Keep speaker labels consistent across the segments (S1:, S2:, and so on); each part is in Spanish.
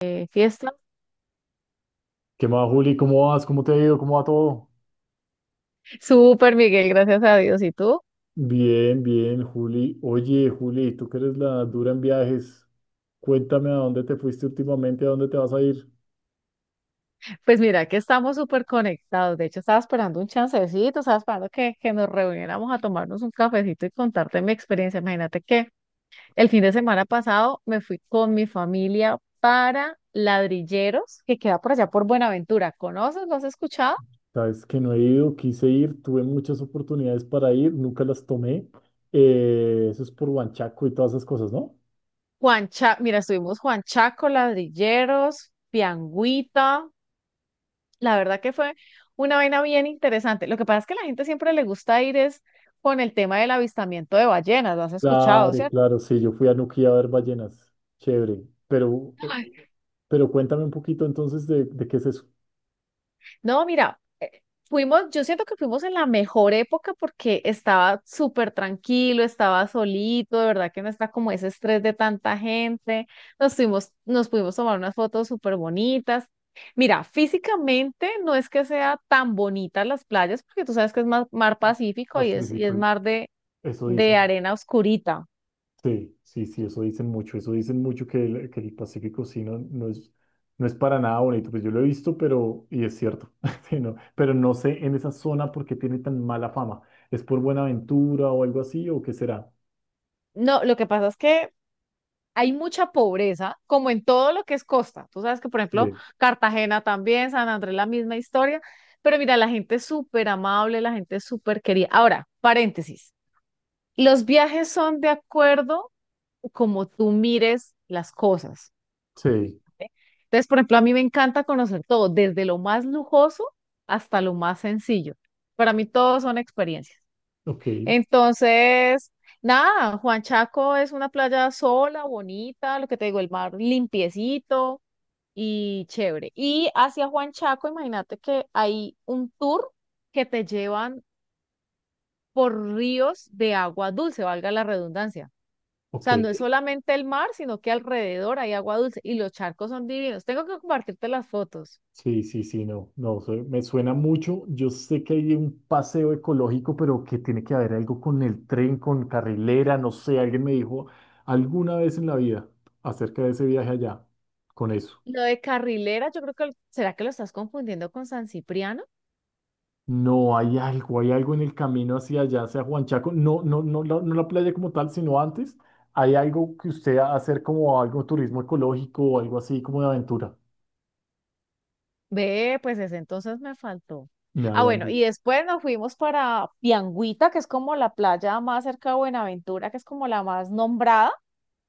S1: Fiesta.
S2: ¿Qué más, Juli? ¿Cómo vas? ¿Cómo te ha ido? ¿Cómo va todo?
S1: Súper, Miguel, gracias a Dios. ¿Y tú?
S2: Bien, bien, Juli. Oye, Juli, tú que eres la dura en viajes, cuéntame a dónde te fuiste últimamente, a dónde te vas a ir.
S1: Pues mira que estamos súper conectados. De hecho, estaba esperando un chancecito, estaba esperando que nos reuniéramos a tomarnos un cafecito y contarte mi experiencia. Imagínate que el fin de semana pasado me fui con mi familia para Ladrilleros, que queda por allá por Buenaventura. ¿Conoces? ¿Lo has escuchado?
S2: Sabes que no he ido, quise ir, tuve muchas oportunidades para ir, nunca las tomé. Eso es por Huanchaco y todas esas cosas, ¿no?
S1: Mira, estuvimos Juan Chaco, Ladrilleros, Piangüita. La verdad que fue una vaina bien interesante. Lo que pasa es que a la gente siempre le gusta ir es con el tema del avistamiento de ballenas, lo has escuchado,
S2: Claro,
S1: ¿cierto?
S2: claro, sí, yo fui a Nuquí a ver ballenas. Chévere. Pero, eh,
S1: Ay.
S2: pero cuéntame un poquito entonces de qué es eso.
S1: No, mira, fuimos, yo siento que fuimos en la mejor época porque estaba súper tranquilo, estaba solito, de verdad que no está como ese estrés de tanta gente. Nos fuimos, nos pudimos tomar unas fotos súper bonitas. Mira, físicamente no es que sea tan bonitas las playas, porque tú sabes que es mar, mar Pacífico y es
S2: Pacífico.
S1: mar
S2: Eso
S1: de
S2: dicen,
S1: arena oscurita.
S2: sí, sí, sí, eso dicen mucho que el Pacífico sí no, no es, no es para nada bonito, pues yo lo he visto, pero, y es cierto, sí, no, pero no sé en esa zona por qué tiene tan mala fama, ¿es por Buenaventura o algo así o qué será?
S1: No, lo que pasa es que hay mucha pobreza, como en todo lo que es costa. Tú sabes que, por ejemplo,
S2: Sí,
S1: Cartagena también, San Andrés, la misma historia. Pero mira, la gente es súper amable, la gente es súper querida. Ahora, paréntesis. Los viajes son de acuerdo como tú mires las cosas.
S2: sí,
S1: ¿Sí? Entonces, por ejemplo, a mí me encanta conocer todo, desde lo más lujoso hasta lo más sencillo. Para mí, todo son experiencias.
S2: ok,
S1: Entonces, nada, Juan Chaco es una playa sola, bonita, lo que te digo, el mar limpiecito y chévere. Y hacia Juan Chaco, imagínate que hay un tour que te llevan por ríos de agua dulce, valga la redundancia. O
S2: ok.
S1: sea, no es solamente el mar, sino que alrededor hay agua dulce y los charcos son divinos. Tengo que compartirte las fotos.
S2: Sí, sí, sí, no, no, me suena mucho. Yo sé que hay un paseo ecológico, pero que tiene que haber algo con el tren, con carrilera, no sé, alguien me dijo alguna vez en la vida acerca de ese viaje allá, con eso.
S1: Lo de Carrilera, yo creo que, ¿será que lo estás confundiendo con San Cipriano?
S2: No, hay algo en el camino hacia allá, hacia Huanchaco, no, no, no, no la playa como tal, sino antes, hay algo que usted hacer como algo turismo ecológico o algo así como de aventura,
S1: Ve, pues ese entonces me faltó.
S2: me
S1: Ah,
S2: habían
S1: bueno, y
S2: dicho.
S1: después nos fuimos para Piangüita, que es como la playa más cerca de Buenaventura, que es como la más nombrada.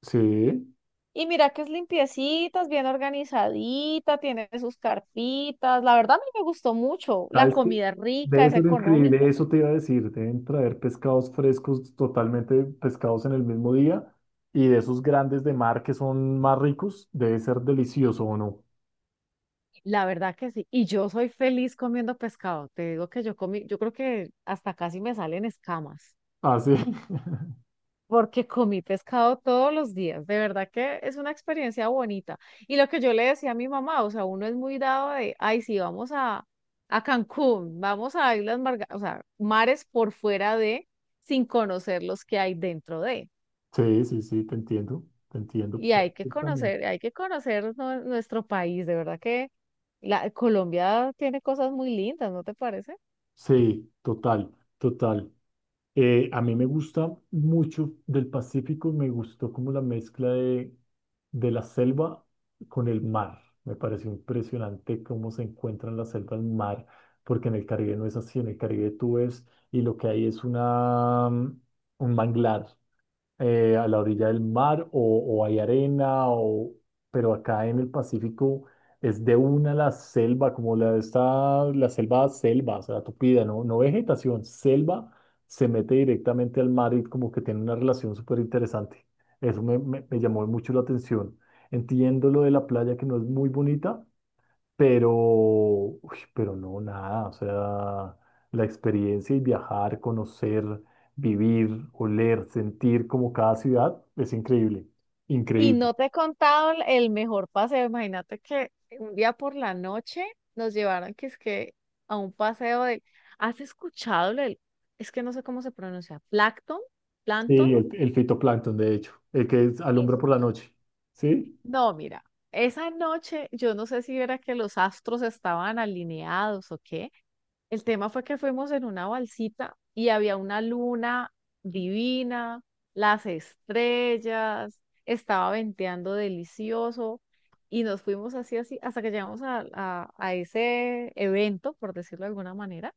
S2: Sí.
S1: Y mira que es limpiecita, es bien organizadita, tiene sus carpitas. La verdad a mí me gustó mucho. La
S2: ¿Sabes qué?
S1: comida es rica,
S2: Debe
S1: es
S2: ser
S1: económica.
S2: increíble, eso te iba a decir, deben traer pescados frescos, totalmente pescados en el mismo día, y de esos grandes de mar que son más ricos, debe ser delicioso, ¿o no?
S1: La verdad que sí. Y yo soy feliz comiendo pescado. Te digo que yo comí, yo creo que hasta casi me salen escamas,
S2: Ah, sí.
S1: porque comí pescado todos los días. De verdad que es una experiencia bonita. Y lo que yo le decía a mi mamá, o sea, uno es muy dado de, ay, sí, vamos a Cancún, vamos a Islas Marga, o sea, mares por fuera de, sin conocer los que hay dentro de.
S2: Sí, sí, sí, te entiendo
S1: Y
S2: perfectamente.
S1: hay que conocer nuestro país. De verdad que la, Colombia tiene cosas muy lindas, ¿no te parece?
S2: Sí, total, total. A mí me gusta mucho del Pacífico, me gustó como la mezcla de la selva con el mar. Me pareció impresionante cómo se encuentran la selva y el mar, porque en el Caribe no es así, en el Caribe tú ves y lo que hay es una, un manglar a la orilla del mar o hay arena, o, pero acá en el Pacífico es de una la selva, como la está la selva, selva, o sea, tupida, ¿no? No vegetación, selva se mete directamente al mar y como que tiene una relación súper interesante. Eso me llamó mucho la atención. Entiendo lo de la playa que no es muy bonita, pero, uy, pero no, nada, o sea, la experiencia y viajar, conocer, vivir, oler, sentir como cada ciudad es increíble,
S1: Y
S2: increíble.
S1: no te he contado el mejor paseo. Imagínate que un día por la noche nos llevaron que es que a un paseo de... ¿Has escuchado el... Es que no sé cómo se pronuncia. ¿Plancton?
S2: Sí,
S1: ¿Plancton?
S2: el fitoplancton, de hecho, el que alumbra
S1: Es-
S2: por la noche, ¿sí?
S1: No, mira. Esa noche yo no sé si era que los astros estaban alineados o qué. El tema fue que fuimos en una balsita y había una luna divina, las estrellas, estaba venteando delicioso y nos fuimos así, así, hasta que llegamos a, a ese evento, por decirlo de alguna manera.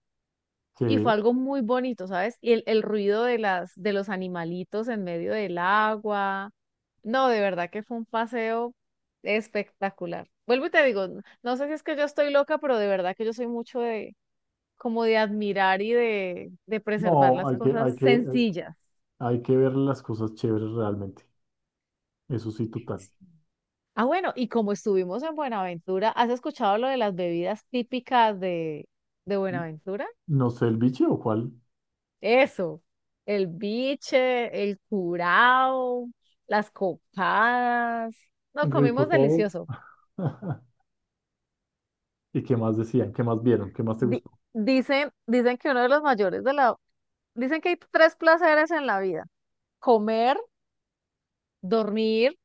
S1: Y
S2: Que
S1: fue algo muy bonito, ¿sabes? Y el ruido de las, de los animalitos en medio del agua. No, de verdad que fue un paseo espectacular. Vuelvo y te digo, no sé si es que yo estoy loca, pero de verdad que yo soy mucho de como de admirar y de preservar
S2: no,
S1: las
S2: hay que,
S1: cosas
S2: hay que,
S1: sencillas.
S2: hay que ver las cosas chéveres realmente, eso sí, total.
S1: Ah, bueno, y como estuvimos en Buenaventura, ¿has escuchado lo de las bebidas típicas de Buenaventura?
S2: No sé, el biche o cuál,
S1: Eso, el biche, el curao, las copadas. No,
S2: rico
S1: comimos
S2: todo.
S1: delicioso.
S2: ¿Y qué más decían? ¿Qué más vieron? ¿Qué más te
S1: Di-
S2: gustó?
S1: dicen, dicen que uno de los mayores de la... Dicen que hay tres placeres en la vida. Comer, dormir.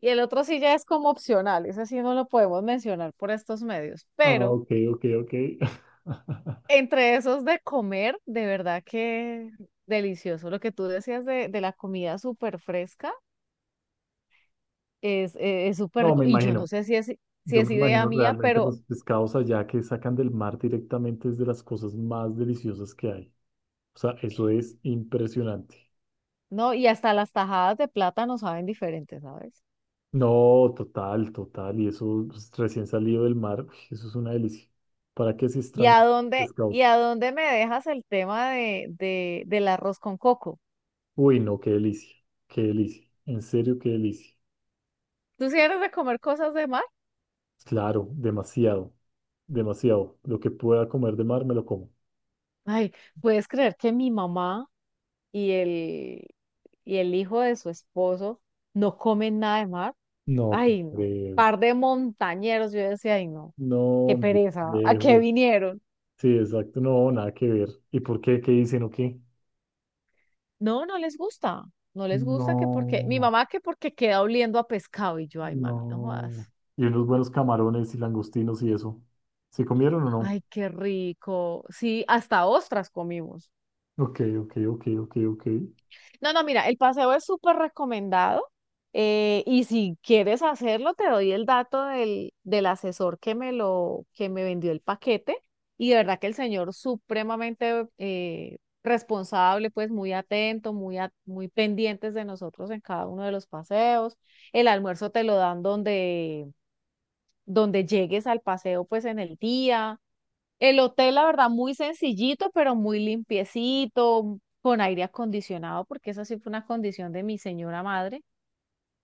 S1: Y el otro sí ya es como opcional, ese sí no lo podemos mencionar por estos medios,
S2: Ah,
S1: pero
S2: ok, ok, ok.
S1: entre esos de comer, de verdad que delicioso. Lo que tú decías de la comida súper fresca es súper
S2: No,
S1: rico.
S2: me
S1: Y yo
S2: imagino.
S1: no sé si es, si
S2: Yo
S1: es
S2: me
S1: idea
S2: imagino
S1: mía,
S2: realmente
S1: pero
S2: los pescados allá que sacan del mar directamente es de las cosas más deliciosas que hay. O sea, eso es impresionante.
S1: no, y hasta las tajadas de plátano saben diferentes, ¿sabes?
S2: No, total, total. Y eso pues, recién salido del mar, uy, eso es una delicia. ¿Para qué se extrañan los
S1: Y
S2: pescados?
S1: a dónde me dejas el tema de, del arroz con coco?
S2: Uy, no, qué delicia, qué delicia. En serio, qué delicia.
S1: ¿Tú sí eres de comer cosas de mar?
S2: Claro, demasiado, demasiado. Lo que pueda comer de mar me lo como.
S1: Ay, ¿puedes creer que mi mamá y el, y el hijo de su esposo no comen nada de mar?
S2: No, te
S1: Ay, no.
S2: creo.
S1: Par de montañeros, yo decía, ay, no, qué
S2: No,
S1: pereza, ¿a qué
S2: lejos.
S1: vinieron?
S2: Sí, exacto, no, nada que ver. ¿Y por qué? ¿Qué dicen o qué?
S1: No, no les gusta, no les gusta que porque, mi
S2: No,
S1: mamá que porque queda oliendo a pescado y yo, ay, mami, no
S2: no.
S1: jodas.
S2: Y unos buenos camarones y langostinos y eso. ¿Se comieron o no?
S1: Ay, qué rico. Sí, hasta ostras comimos.
S2: Ok, ok, ok, ok, ok.
S1: No, no, mira, el paseo es súper recomendado y si quieres hacerlo, te doy el dato del, del asesor que me lo, que me vendió el paquete y de verdad que el señor supremamente responsable, pues muy atento, muy, muy pendientes de nosotros en cada uno de los paseos. El almuerzo te lo dan donde, donde llegues al paseo, pues en el día. El hotel, la verdad, muy sencillito, pero muy limpiecito, con aire acondicionado, porque esa sí fue una condición de mi señora madre,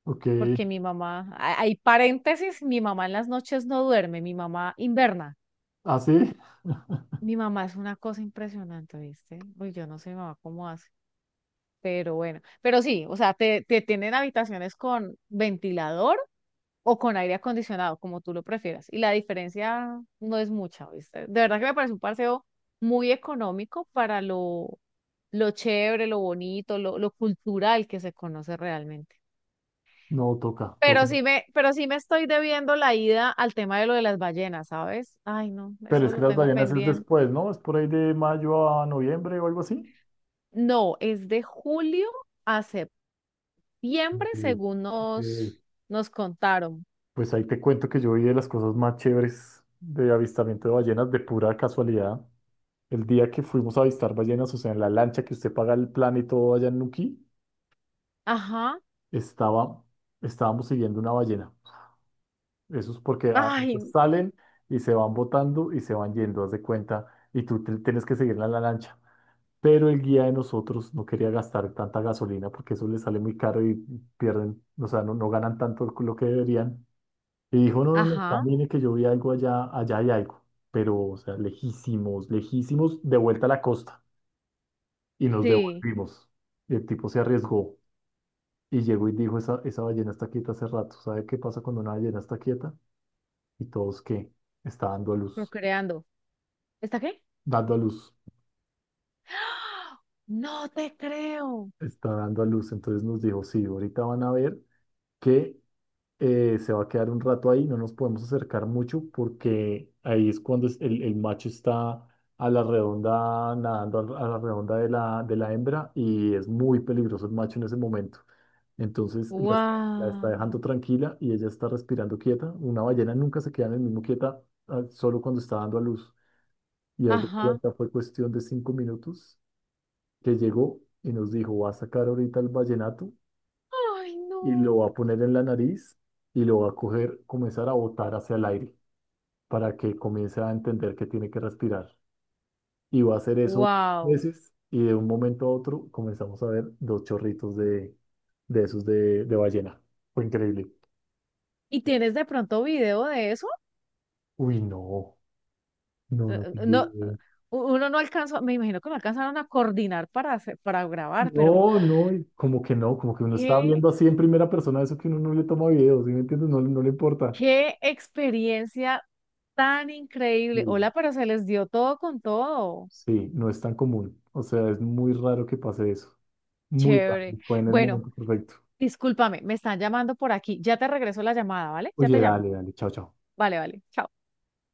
S2: Ok.
S1: porque mi mamá, hay paréntesis, mi mamá en las noches no duerme, mi mamá inverna.
S2: ¿Ah, sí?
S1: Mi mamá es una cosa impresionante, ¿viste? Uy, yo no sé mi mamá cómo hace, pero bueno, pero sí, o sea, te tienen habitaciones con ventilador o con aire acondicionado, como tú lo prefieras. Y la diferencia no es mucha, ¿viste? De verdad que me parece un paseo muy económico para lo chévere, lo bonito, lo cultural que se conoce realmente.
S2: No, toca, toca.
S1: Pero sí me estoy debiendo la ida al tema de lo de las ballenas, ¿sabes? Ay, no,
S2: Pero
S1: eso
S2: es que
S1: lo
S2: las
S1: tengo
S2: Davianas es
S1: pendiente.
S2: después, ¿no? Es por ahí de mayo a noviembre o algo así.
S1: No, es de julio a septiembre,
S2: Sí,
S1: según
S2: sí.
S1: nos, nos contaron.
S2: Pues ahí te cuento que yo vi de las cosas más chéveres de avistamiento de ballenas de pura casualidad. El día que fuimos a avistar ballenas, o sea, en la lancha que usted paga el plan y todo allá en Nuquí,
S1: Ajá.
S2: estaba, estábamos siguiendo una ballena. Eso es porque ellas
S1: Ay,
S2: salen y se van botando y se van yendo, haz de cuenta, y tienes que seguirla en la lancha. Pero el guía de nosotros no quería gastar tanta gasolina porque eso les sale muy caro y pierden, o sea, no, no ganan tanto lo que deberían. Y dijo, no, no, no,
S1: ajá.
S2: camine que yo vi algo allá, allá hay algo. Pero, o sea, lejísimos, lejísimos, de vuelta a la costa. Y nos
S1: Sí,
S2: devolvimos. Y el tipo se arriesgó y llegó y dijo, esa ballena está quieta hace rato. ¿Sabe qué pasa cuando una ballena está quieta? Y todos, ¿qué? Está
S1: procreando. ¿Está qué?
S2: dando a luz,
S1: No te creo.
S2: está dando a luz. Entonces nos dijo, sí, ahorita van a ver que se va a quedar un rato ahí, no nos podemos acercar mucho porque ahí es cuando el macho está a la redonda, nadando a la redonda de la hembra y es muy peligroso el macho en ese momento. Entonces la, la está
S1: Wow.
S2: dejando tranquila y ella está respirando quieta. Una ballena nunca se queda en el mismo quieta, ah, solo cuando está dando a luz. Y haz de
S1: Ajá.
S2: cuenta, fue cuestión de 5 minutos que llegó y nos dijo, va a sacar ahorita el vallenato
S1: Ay, no.
S2: y lo va a poner en la nariz y lo va a coger, comenzar a botar hacia el aire para que comience a entender que tiene que respirar. Y va a hacer eso
S1: Wow.
S2: veces y de un momento a otro comenzamos a ver dos chorritos de esos de ballena. Fue increíble.
S1: ¿Y tienes de pronto video de eso?
S2: Uy, no, no, no tengo
S1: No,
S2: video.
S1: uno no alcanzó, me imagino que no alcanzaron a coordinar para hacer- para grabar, pero
S2: No, no, y como que no, como que uno está
S1: qué,
S2: viendo así en primera persona eso que uno no le toma videos, ¿sí me entiendes? No, no le importa.
S1: qué experiencia tan
S2: Sí.
S1: increíble. Hola, pero se les dio todo con todo.
S2: Sí, no es tan común. O sea, es muy raro que pase eso. Muy rápido,
S1: Chévere.
S2: fue en el
S1: Bueno,
S2: momento perfecto.
S1: discúlpame, me están llamando por aquí. Ya te regreso la llamada, ¿vale? Ya te
S2: Oye,
S1: llamo.
S2: dale, dale, chao, chao.
S1: Vale, vale. Chao.